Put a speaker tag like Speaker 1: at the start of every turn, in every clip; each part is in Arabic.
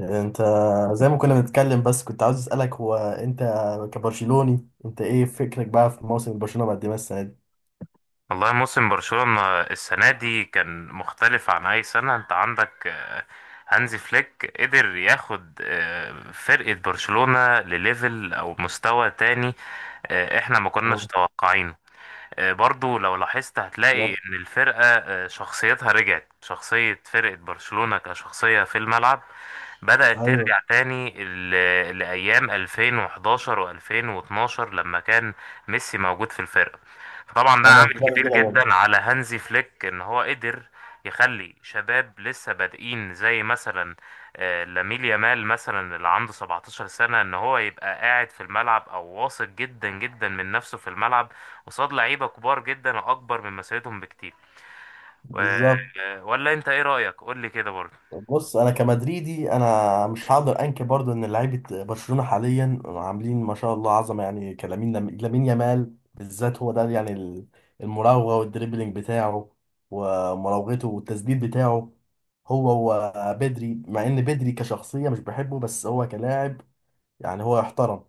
Speaker 1: انت زي ما كنا بنتكلم، بس كنت عاوز اسالك، هو انت كبرشلوني انت ايه فكرك بقى في موسم برشلونه مقدمه السنه دي؟
Speaker 2: والله موسم برشلونة السنة دي كان مختلف عن أي سنة. أنت عندك هانزي فليك قدر ياخد فرقة برشلونة لليفل أو مستوى تاني. إحنا ما كناش
Speaker 1: اه،
Speaker 2: متوقعينه. برضو لو لاحظت هتلاقي
Speaker 1: بالظبط.
Speaker 2: ان الفرقة شخصيتها رجعت شخصية فرقة برشلونة كشخصية في الملعب. بدأت
Speaker 1: ايوه،
Speaker 2: ترجع تاني لأيام 2011 و2012 لما كان ميسي موجود في الفرقة. طبعا ده
Speaker 1: انا في
Speaker 2: عامل
Speaker 1: رايي
Speaker 2: كبير
Speaker 1: كده برضه.
Speaker 2: جدا على هانزي فليك ان هو قدر يخلي شباب لسه بادئين، زي مثلا لامين يامال مثلا اللي عنده 17 سنة ان هو يبقى قاعد في الملعب او واثق جدا جدا من نفسه في الملعب قصاد لعيبة كبار جدا وأكبر من مسيرتهم بكتير. و...
Speaker 1: بالظبط.
Speaker 2: ولا أنت إيه رأيك؟ قول لي كده برضه.
Speaker 1: بص، انا كمدريدي انا مش هقدر انكر برضو ان لعيبه برشلونه حاليا عاملين ما شاء الله عظمه، يعني كلامين لامين يامال بالذات هو ده، يعني المراوغه والدريبلينج بتاعه ومراوغته والتسديد بتاعه. هو بدري، مع ان بدري كشخصيه مش بحبه بس هو كلاعب يعني هو يحترم.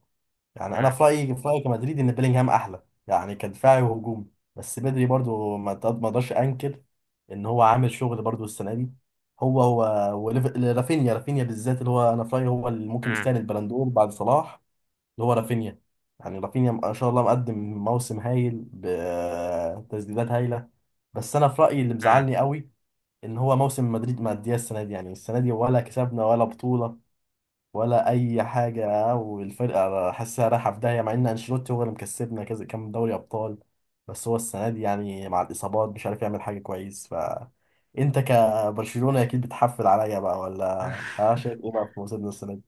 Speaker 1: يعني انا
Speaker 2: مم.
Speaker 1: في رايي كمدريد ان بيلينغهام احلى، يعني كدفاعي وهجومي. بس بدري برضو ما اقدرش انكر ان هو عامل شغل برضو السنه دي. هو رافينيا بالذات، اللي هو انا في رايي هو اللي ممكن
Speaker 2: مم.
Speaker 1: يستاهل البلندور بعد صلاح، اللي هو رافينيا. يعني رافينيا ما شاء الله مقدم موسم هايل بتسديدات هايله. بس انا في رايي اللي
Speaker 2: مم.
Speaker 1: مزعلني قوي ان هو موسم مدريد مأدياه السنه دي، يعني السنه دي ولا كسبنا ولا بطوله ولا اي حاجه، والفرقه حاسسها رايحه في داهيه، مع ان انشيلوتي هو اللي مكسبنا كذا كام دوري ابطال، بس هو السنه دي يعني مع الاصابات مش عارف يعمل حاجه كويس. ف انت كبرشلونه اكيد بتحفل عليا بقى ولا؟ ها، شايف ايه بقى في موسمنا السنه دي؟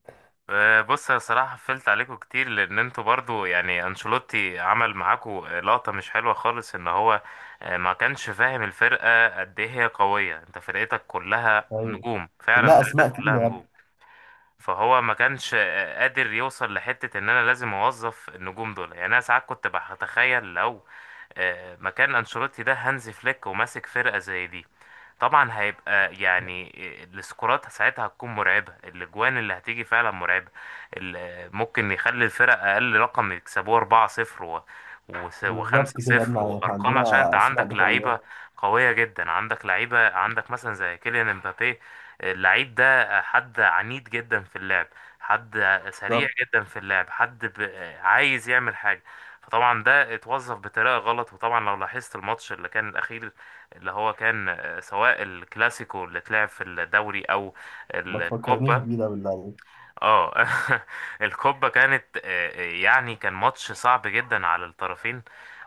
Speaker 2: بص، أنا الصراحة قفلت عليكم كتير لأن أنتوا برضو يعني أنشيلوتي عمل معاكم لقطة مش حلوة خالص. إن هو ما كانش فاهم الفرقة قد إيه هي قوية. أنت فرقتك كلها
Speaker 1: ايوه،
Speaker 2: نجوم، فعلا
Speaker 1: كلها
Speaker 2: فرقتك
Speaker 1: اسماء
Speaker 2: كلها
Speaker 1: تقيله يا ابني.
Speaker 2: نجوم. فهو ما كانش قادر يوصل لحتة إن أنا لازم أوظف النجوم دول. يعني أنا ساعات كنت بتخيل لو مكان انشيلوتي ده هانزي فليك وماسك فرقة زي دي، طبعا هيبقى يعني السكورات ساعتها هتكون مرعبة، الاجوان اللي هتيجي فعلا مرعبة. ممكن يخلي الفرق اقل رقم يكسبوه 4-0
Speaker 1: بالظبط كده يا
Speaker 2: و5-0
Speaker 1: ابني،
Speaker 2: وارقام عشان انت
Speaker 1: عندنا اسماء
Speaker 2: عندك
Speaker 1: ما شاء الله.
Speaker 2: لعيبة قوية جدا. عندك لعيبة، عندك مثلا زي كيليان امبابي. اللعيب ده حد عنيد جدا في اللعب، حد سريع
Speaker 1: بالظبط،
Speaker 2: جدا في اللعب، حد ب... آه، عايز يعمل حاجة. فطبعا ده اتوظف بطريقة غلط. وطبعا لو لاحظت الماتش اللي كان الأخير، اللي هو كان سواء الكلاسيكو اللي اتلعب في الدوري أو
Speaker 1: ما تفكرنيش
Speaker 2: الكوبا.
Speaker 1: بيه ده بالله عليك.
Speaker 2: اه. الكوبا كانت يعني كان ماتش صعب جدا على الطرفين.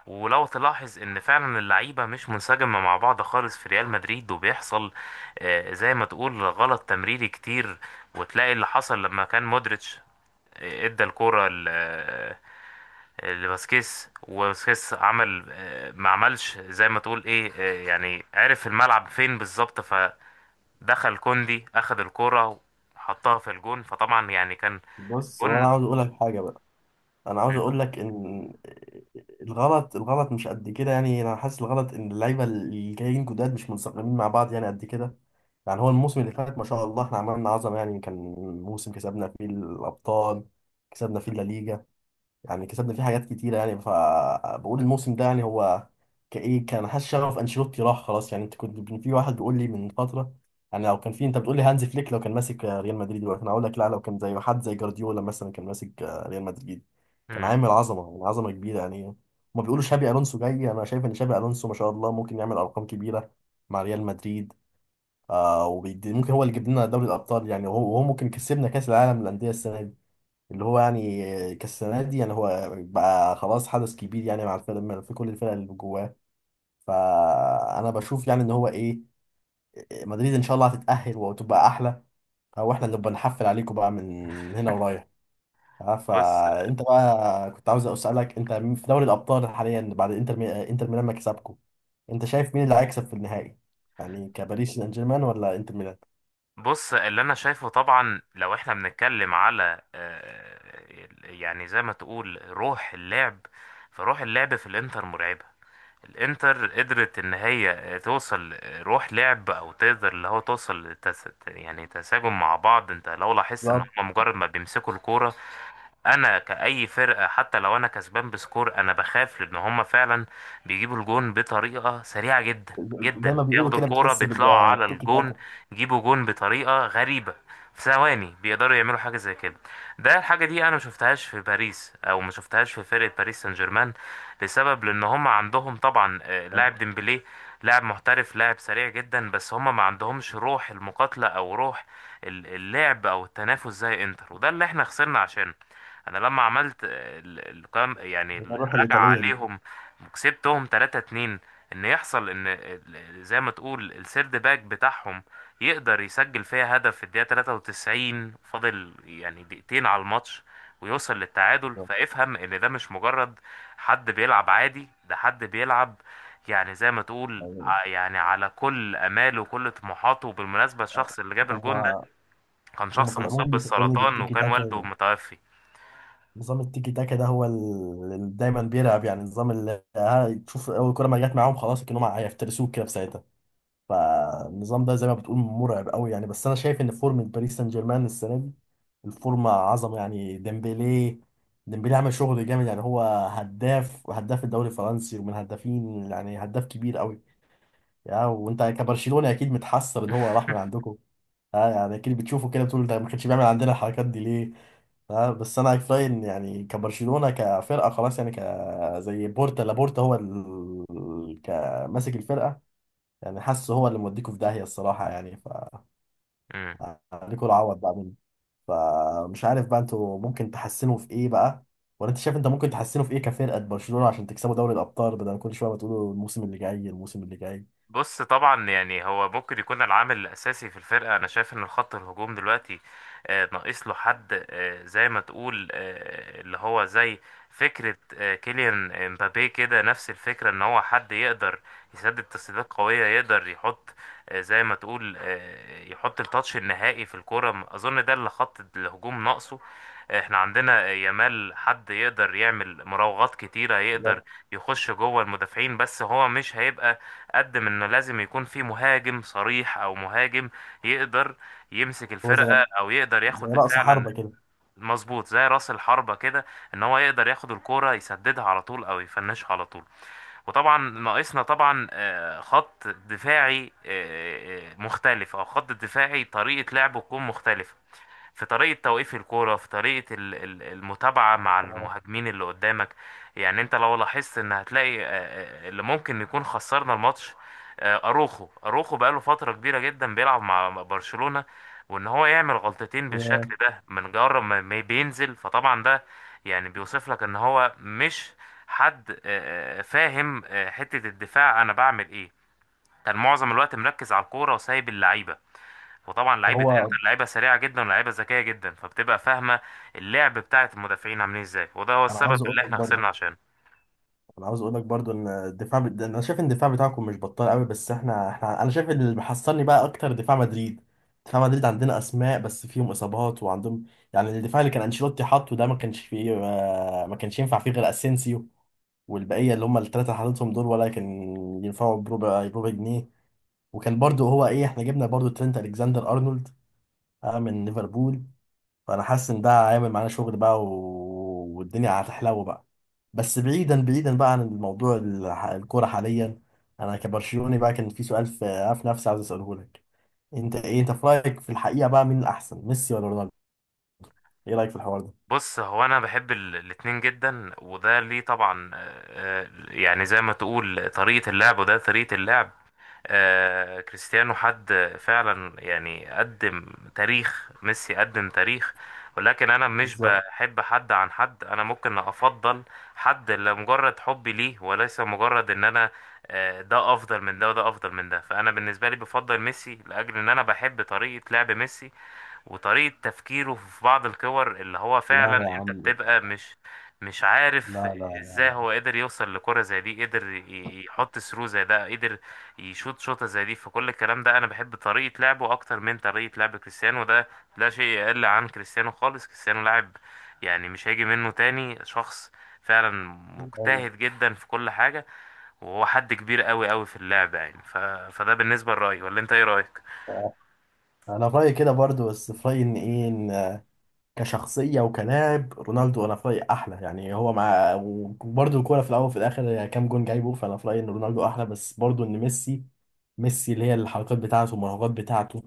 Speaker 2: ولو تلاحظ ان فعلا اللعيبه مش منسجمه مع بعض خالص في ريال مدريد، وبيحصل زي ما تقول غلط تمريري كتير. وتلاقي اللي حصل لما كان مودريتش ادى الكرة لباسكيس، وباسكيس عمل ما عملش زي ما تقول ايه يعني عرف الملعب فين بالظبط. فدخل كوندي اخذ الكرة وحطها في الجون. فطبعا يعني كان
Speaker 1: بص، هو انا
Speaker 2: جون.
Speaker 1: عاوز اقول لك حاجه بقى، انا عاوز اقول لك ان الغلط مش قد كده. يعني انا حاسس الغلط ان اللعيبه اللي جايين جداد مش منسقمين مع بعض، يعني قد كده. يعني هو الموسم اللي فات ما شاء الله احنا عملنا عظمه، يعني كان موسم كسبنا فيه الابطال، كسبنا فيه الليجا، يعني كسبنا فيه حاجات كتيرة. يعني فبقول الموسم ده يعني هو كإيه، كان حاسس شغف أنشيلوتي راح خلاص. يعني أنت كنت في واحد بيقول لي من فترة، يعني لو كان في، أنت بتقول لي هانز فليك لو كان ماسك ريال مدريد دلوقتي، أنا أقول لك لا، لو كان زي حد زي جوارديولا مثلا كان ماسك ريال مدريد كان
Speaker 2: مم.
Speaker 1: عامل عظمة، يعني عظمة كبيرة يعني. هما بيقولوا شابي ألونسو جاي، أنا شايف إن شابي ألونسو ما شاء الله ممكن يعمل أرقام كبيرة مع ريال مدريد. آه، وبيدي ممكن هو اللي يجيب لنا دوري الأبطال، يعني وهو ممكن كسبنا كأس العالم للأندية السنة دي، اللي هو يعني كالسنة دي، يعني هو بقى خلاص حدث كبير يعني مع الفرق، في كل الفرق اللي جواه. فأنا بشوف يعني إن هو إيه، مدريد إن شاء الله هتتأهل وتبقى أحلى، أو إحنا اللي بنحفل عليكم بقى من هنا ورايح.
Speaker 2: بص
Speaker 1: فأنت بقى كنت عاوز أسألك، أنت مين في دوري الأبطال حاليا بعد إنتر ميلان ما كسبكم؟ أنت شايف مين اللي هيكسب في النهائي؟ يعني كباريس سان جيرمان ولا إنتر ميلان؟
Speaker 2: بص اللي انا شايفه، طبعا لو احنا بنتكلم على يعني زي ما تقول روح اللعب. فروح اللعب في الانتر مرعبة. الانتر قدرت ان هي توصل روح لعب او تقدر اللي هو توصل يعني تساجم مع بعض. انت لو لاحظت ان
Speaker 1: بالظبط،
Speaker 2: هم مجرد ما بيمسكوا الكوره، انا كأي فرقة حتى لو انا كسبان بسكور انا بخاف، لان هما فعلا بيجيبوا الجون بطريقة سريعة جدا
Speaker 1: زي
Speaker 2: جدا.
Speaker 1: ما بيقولوا
Speaker 2: بياخدوا
Speaker 1: كده،
Speaker 2: الكورة
Speaker 1: بتحس
Speaker 2: بيطلعوا على
Speaker 1: بالتيكي
Speaker 2: الجون،
Speaker 1: تاكا.
Speaker 2: يجيبوا جون بطريقة غريبة. في ثواني بيقدروا يعملوا حاجة زي كده. ده الحاجة دي انا ما شفتهاش في باريس او ما شفتهاش في فرقة باريس سان جيرمان. لسبب لان هما عندهم طبعا لاعب ديمبلي. لاعب محترف لاعب سريع جدا، بس هما ما عندهمش روح المقاتلة او روح اللعب او التنافس زي انتر. وده اللي احنا خسرنا عشانه. انا لما عملت القيام، يعني
Speaker 1: الروح
Speaker 2: الرجعة
Speaker 1: الإيطالية دي.
Speaker 2: عليهم وكسبتهم 3-2. ان يحصل ان زي ما تقول السيرد باك بتاعهم يقدر يسجل فيها هدف في الدقيقة 93، فاضل يعني دقيقتين على الماتش، ويوصل للتعادل. فافهم ان ده مش مجرد حد بيلعب عادي، ده حد بيلعب يعني زي ما تقول
Speaker 1: بالظبط.
Speaker 2: يعني على كل اماله وكل طموحاته. وبالمناسبة الشخص اللي جاب الجون ده
Speaker 1: هما،
Speaker 2: كان
Speaker 1: هما في
Speaker 2: شخص مصاب
Speaker 1: العموم بيفكروني
Speaker 2: بالسرطان
Speaker 1: بالتيكي
Speaker 2: وكان والده
Speaker 1: تاكا.
Speaker 2: متوفي.
Speaker 1: نظام التيكي تاكا ده هو اللي دايما بيلعب، يعني النظام اللي، ها، تشوف اول كرة ما جت معاهم خلاص كأنهم هيفترسوك كده في ساعتها. فالنظام ده زي ما بتقول مرعب قوي يعني، بس انا شايف ان فورمة باريس سان جيرمان السنة دي الفورمة عظمة، يعني ديمبلي، ديمبلي عمل شغل جامد يعني، هو هداف، وهداف الدوري الفرنسي، ومن هدافين، يعني هداف كبير قوي. يا، وانت كبرشلونة اكيد متحسر ان هو راح من عندكم؟ اه يعني اكيد بتشوفه كده بتقول ده ما كانش بيعمل عندنا الحركات دي ليه. اه، بس انا كفايه إن يعني كبرشلونه كفرقه خلاص، يعني ك، زي بورتا لابورتا هو كماسك الفرقه، يعني حاسه هو اللي موديكوا في داهيه الصراحه يعني. ف عليكوا العوض بقى منه. فمش عارف بقى انتوا ممكن تحسنوا في ايه بقى، ولا انت شايف انت ممكن تحسنوا في ايه كفرقه برشلونه عشان تكسبوا دوري الابطال بدل كل شويه ما تقولوا الموسم اللي جاي الموسم اللي جاي؟
Speaker 2: بص طبعا يعني هو ممكن يكون العامل الأساسي في الفرقة. أنا شايف إن الخط الهجوم دلوقتي ناقص له حد زي ما تقول اللي هو زي فكرة كيليان امبابي كده، نفس الفكرة. إن هو حد يقدر يسدد تسديدات قوية، يقدر يحط زي ما تقول يحط التاتش النهائي في الكرة. أظن ده اللي خط الهجوم ناقصه. احنا عندنا يامال حد يقدر يعمل مراوغات كتيرة، يقدر
Speaker 1: بالظبط.
Speaker 2: يخش جوه المدافعين، بس هو مش هيبقى قد ما انه لازم يكون في مهاجم صريح، او مهاجم يقدر يمسك
Speaker 1: هو زي،
Speaker 2: الفرقه او يقدر
Speaker 1: زي
Speaker 2: ياخد
Speaker 1: رأس
Speaker 2: فعلا.
Speaker 1: حربة كده.
Speaker 2: مظبوط، زي راس الحربة كده، ان هو يقدر ياخد الكوره يسددها على طول او يفنشها على طول. وطبعا ناقصنا طبعا خط دفاعي مختلف، او خط دفاعي طريقه لعبه تكون مختلفه. في طريقة توقيف الكورة، في طريقة المتابعة مع
Speaker 1: آه،
Speaker 2: المهاجمين اللي قدامك. يعني انت لو لاحظت ان هتلاقي اللي ممكن يكون خسرنا الماتش اروخو. اروخو بقاله فترة كبيرة جدا بيلعب مع برشلونة، وان هو يعمل غلطتين بالشكل ده من جرب ما بينزل. فطبعا ده يعني بيوصف لك ان هو مش حد فاهم حتة الدفاع انا بعمل ايه. كان معظم الوقت مركز على الكورة وسايب اللعيبة. وطبعا لعيبه
Speaker 1: هو
Speaker 2: انتر لعيبه سريعه جدا ولعيبه ذكيه جدا، فبتبقى فاهمه اللعب بتاعه المدافعين عاملين ازاي. وده هو
Speaker 1: انا
Speaker 2: السبب
Speaker 1: عاوز اقول
Speaker 2: اللي
Speaker 1: لك
Speaker 2: احنا
Speaker 1: برضه،
Speaker 2: خسرنا عشانه.
Speaker 1: انا عاوز اقول لك برضو ان انا شايف ان الدفاع بتاعكم مش بطال قوي، بس احنا انا شايف ان اللي محصلني بقى اكتر دفاع مدريد. دفاع مدريد عندنا اسماء بس فيهم اصابات وعندهم، يعني الدفاع اللي كان انشيلوتي حاطه ده ما كانش ينفع فيه غير اسينسيو، والبقيه اللي هم الثلاثه اللي حاططهم دول ولا كان ينفعوا بربع جنيه. وكان برضو هو ايه، احنا جبنا برضو ترينت الكسندر ارنولد، من ليفربول. فانا حاسس ان ده هيعمل معانا شغل بقى و... والدنيا هتحلو بقى. بس بعيدا بقى عن الموضوع الكوره حاليا، انا كبرشلوني بقى كان في سؤال في نفسي عايز اساله لك. انت ايه، انت في رايك في الحقيقه بقى مين الاحسن، ميسي ولا رونالدو؟ ايه رايك في الحوار ده؟
Speaker 2: بص هو انا بحب الاتنين جدا، وده ليه طبعا يعني زي ما تقول طريقه اللعب، وده طريقه اللعب. كريستيانو حد فعلا يعني قدم تاريخ. ميسي قدم تاريخ. ولكن انا مش
Speaker 1: بالظبط.
Speaker 2: بحب حد عن حد، انا ممكن افضل حد لمجرد حبي ليه، وليس مجرد ان انا ده افضل من ده وده افضل من ده. فانا بالنسبه لي بفضل ميسي لاجل ان انا بحب طريقه لعب ميسي وطريقة تفكيره في بعض الكور، اللي هو فعلا
Speaker 1: لا يا
Speaker 2: انت
Speaker 1: عم لا.
Speaker 2: بتبقى مش عارف
Speaker 1: لا لا.
Speaker 2: ازاي هو قدر يوصل لكرة زي دي، قدر يحط ثرو زي ده، قدر يشوط شوطة زي دي. فكل الكلام ده انا بحب طريقة لعبه اكتر من طريقة لعب كريستيانو. ده لا شيء يقل عن كريستيانو خالص، كريستيانو لاعب يعني مش هيجي منه تاني شخص فعلا. مجتهد جدا في كل حاجة، وهو حد كبير قوي قوي في اللعبة يعني فده بالنسبة لرأيي. ولا انت ايه رأيك؟
Speaker 1: لا، انا في رايي كده برضو، بس في رايي ان ايه، كشخصية وكلاعب رونالدو أنا في رأيي أحلى، يعني هو مع، وبرضه الكورة في الأول وفي الآخر كام جون جايبه، فأنا في رأيي إن رونالدو أحلى. بس برضه إن ميسي، ميسي اللي هي الحركات بتاعته والمراوغات بتاعته،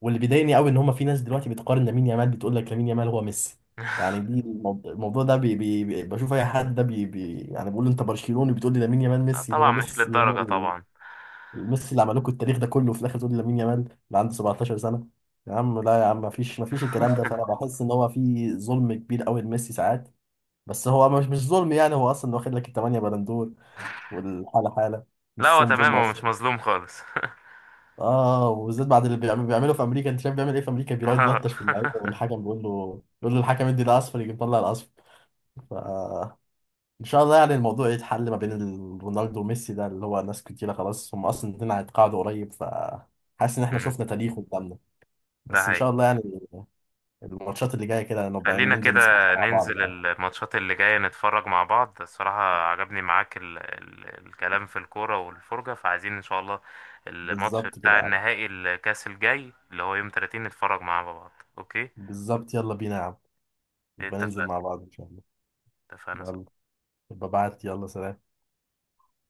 Speaker 1: واللي بيضايقني قوي إن هما في ناس دلوقتي بتقارن لامين يامال بتقول لك لامين يامال هو ميسي. يعني دي الموضوع ده بشوف أي حد ده بي بي، يعني بقول له أنت برشلوني بتقول لي لامين يامال
Speaker 2: لا
Speaker 1: ميسي، اللي
Speaker 2: طبعا
Speaker 1: هو
Speaker 2: مش
Speaker 1: ميسي، هو
Speaker 2: للدرجة طبعا.
Speaker 1: ميسي اللي عملوه لكم التاريخ ده كله، وفي الاخر تقول لي لامين يامال اللي عنده 17 سنه؟ يا عم لا يا عم، مفيش الكلام ده. فانا بحس ان هو في ظلم كبير قوي لميسي ساعات، بس هو مش ظلم، يعني هو اصلا واخد لك الثمانيه بلندور، والحاله حاله،
Speaker 2: لا هو
Speaker 1: والصوم ظلم
Speaker 2: تمام، هو مش
Speaker 1: اصلا.
Speaker 2: مظلوم خالص.
Speaker 1: اه، وبالذات بعد اللي بيعملوا في امريكا، انت شايف بيعمل ايه في امريكا، بيقعد يلطش في اللعيبه
Speaker 2: آه.
Speaker 1: والحكم بيقول له الحكم ادي ده اصفر يجي مطلع الاصفر. ف ان شاء الله يعني الموضوع يتحل ما بين رونالدو وميسي، ده اللي هو ناس كتيرة خلاص، هم اصلا الاتنين هيتقاعدوا قريب. ف حاسس ان احنا
Speaker 2: مم،
Speaker 1: شفنا تاريخ قدامنا،
Speaker 2: ده
Speaker 1: بس ان شاء
Speaker 2: حقيقي.
Speaker 1: الله يعني الماتشات اللي جايه كده نبقى
Speaker 2: خلينا
Speaker 1: ننزل
Speaker 2: كده
Speaker 1: نسمعها مع بعض
Speaker 2: ننزل
Speaker 1: بقى.
Speaker 2: الماتشات اللي جاية نتفرج مع بعض. الصراحة عجبني معاك ال ال الكلام في الكورة والفرجة. فعايزين إن شاء الله الماتش
Speaker 1: بالظبط كده
Speaker 2: بتاع
Speaker 1: يا عم.
Speaker 2: النهائي الكاس الجاي اللي هو يوم 30 نتفرج مع بعض. أوكي.
Speaker 1: بالظبط، يلا بينا يا عم، نبقى ننزل
Speaker 2: اتفقنا.
Speaker 1: مع بعض ان شاء الله.
Speaker 2: اتفقنا.
Speaker 1: يلا، ابقى بعت، يلا سلام.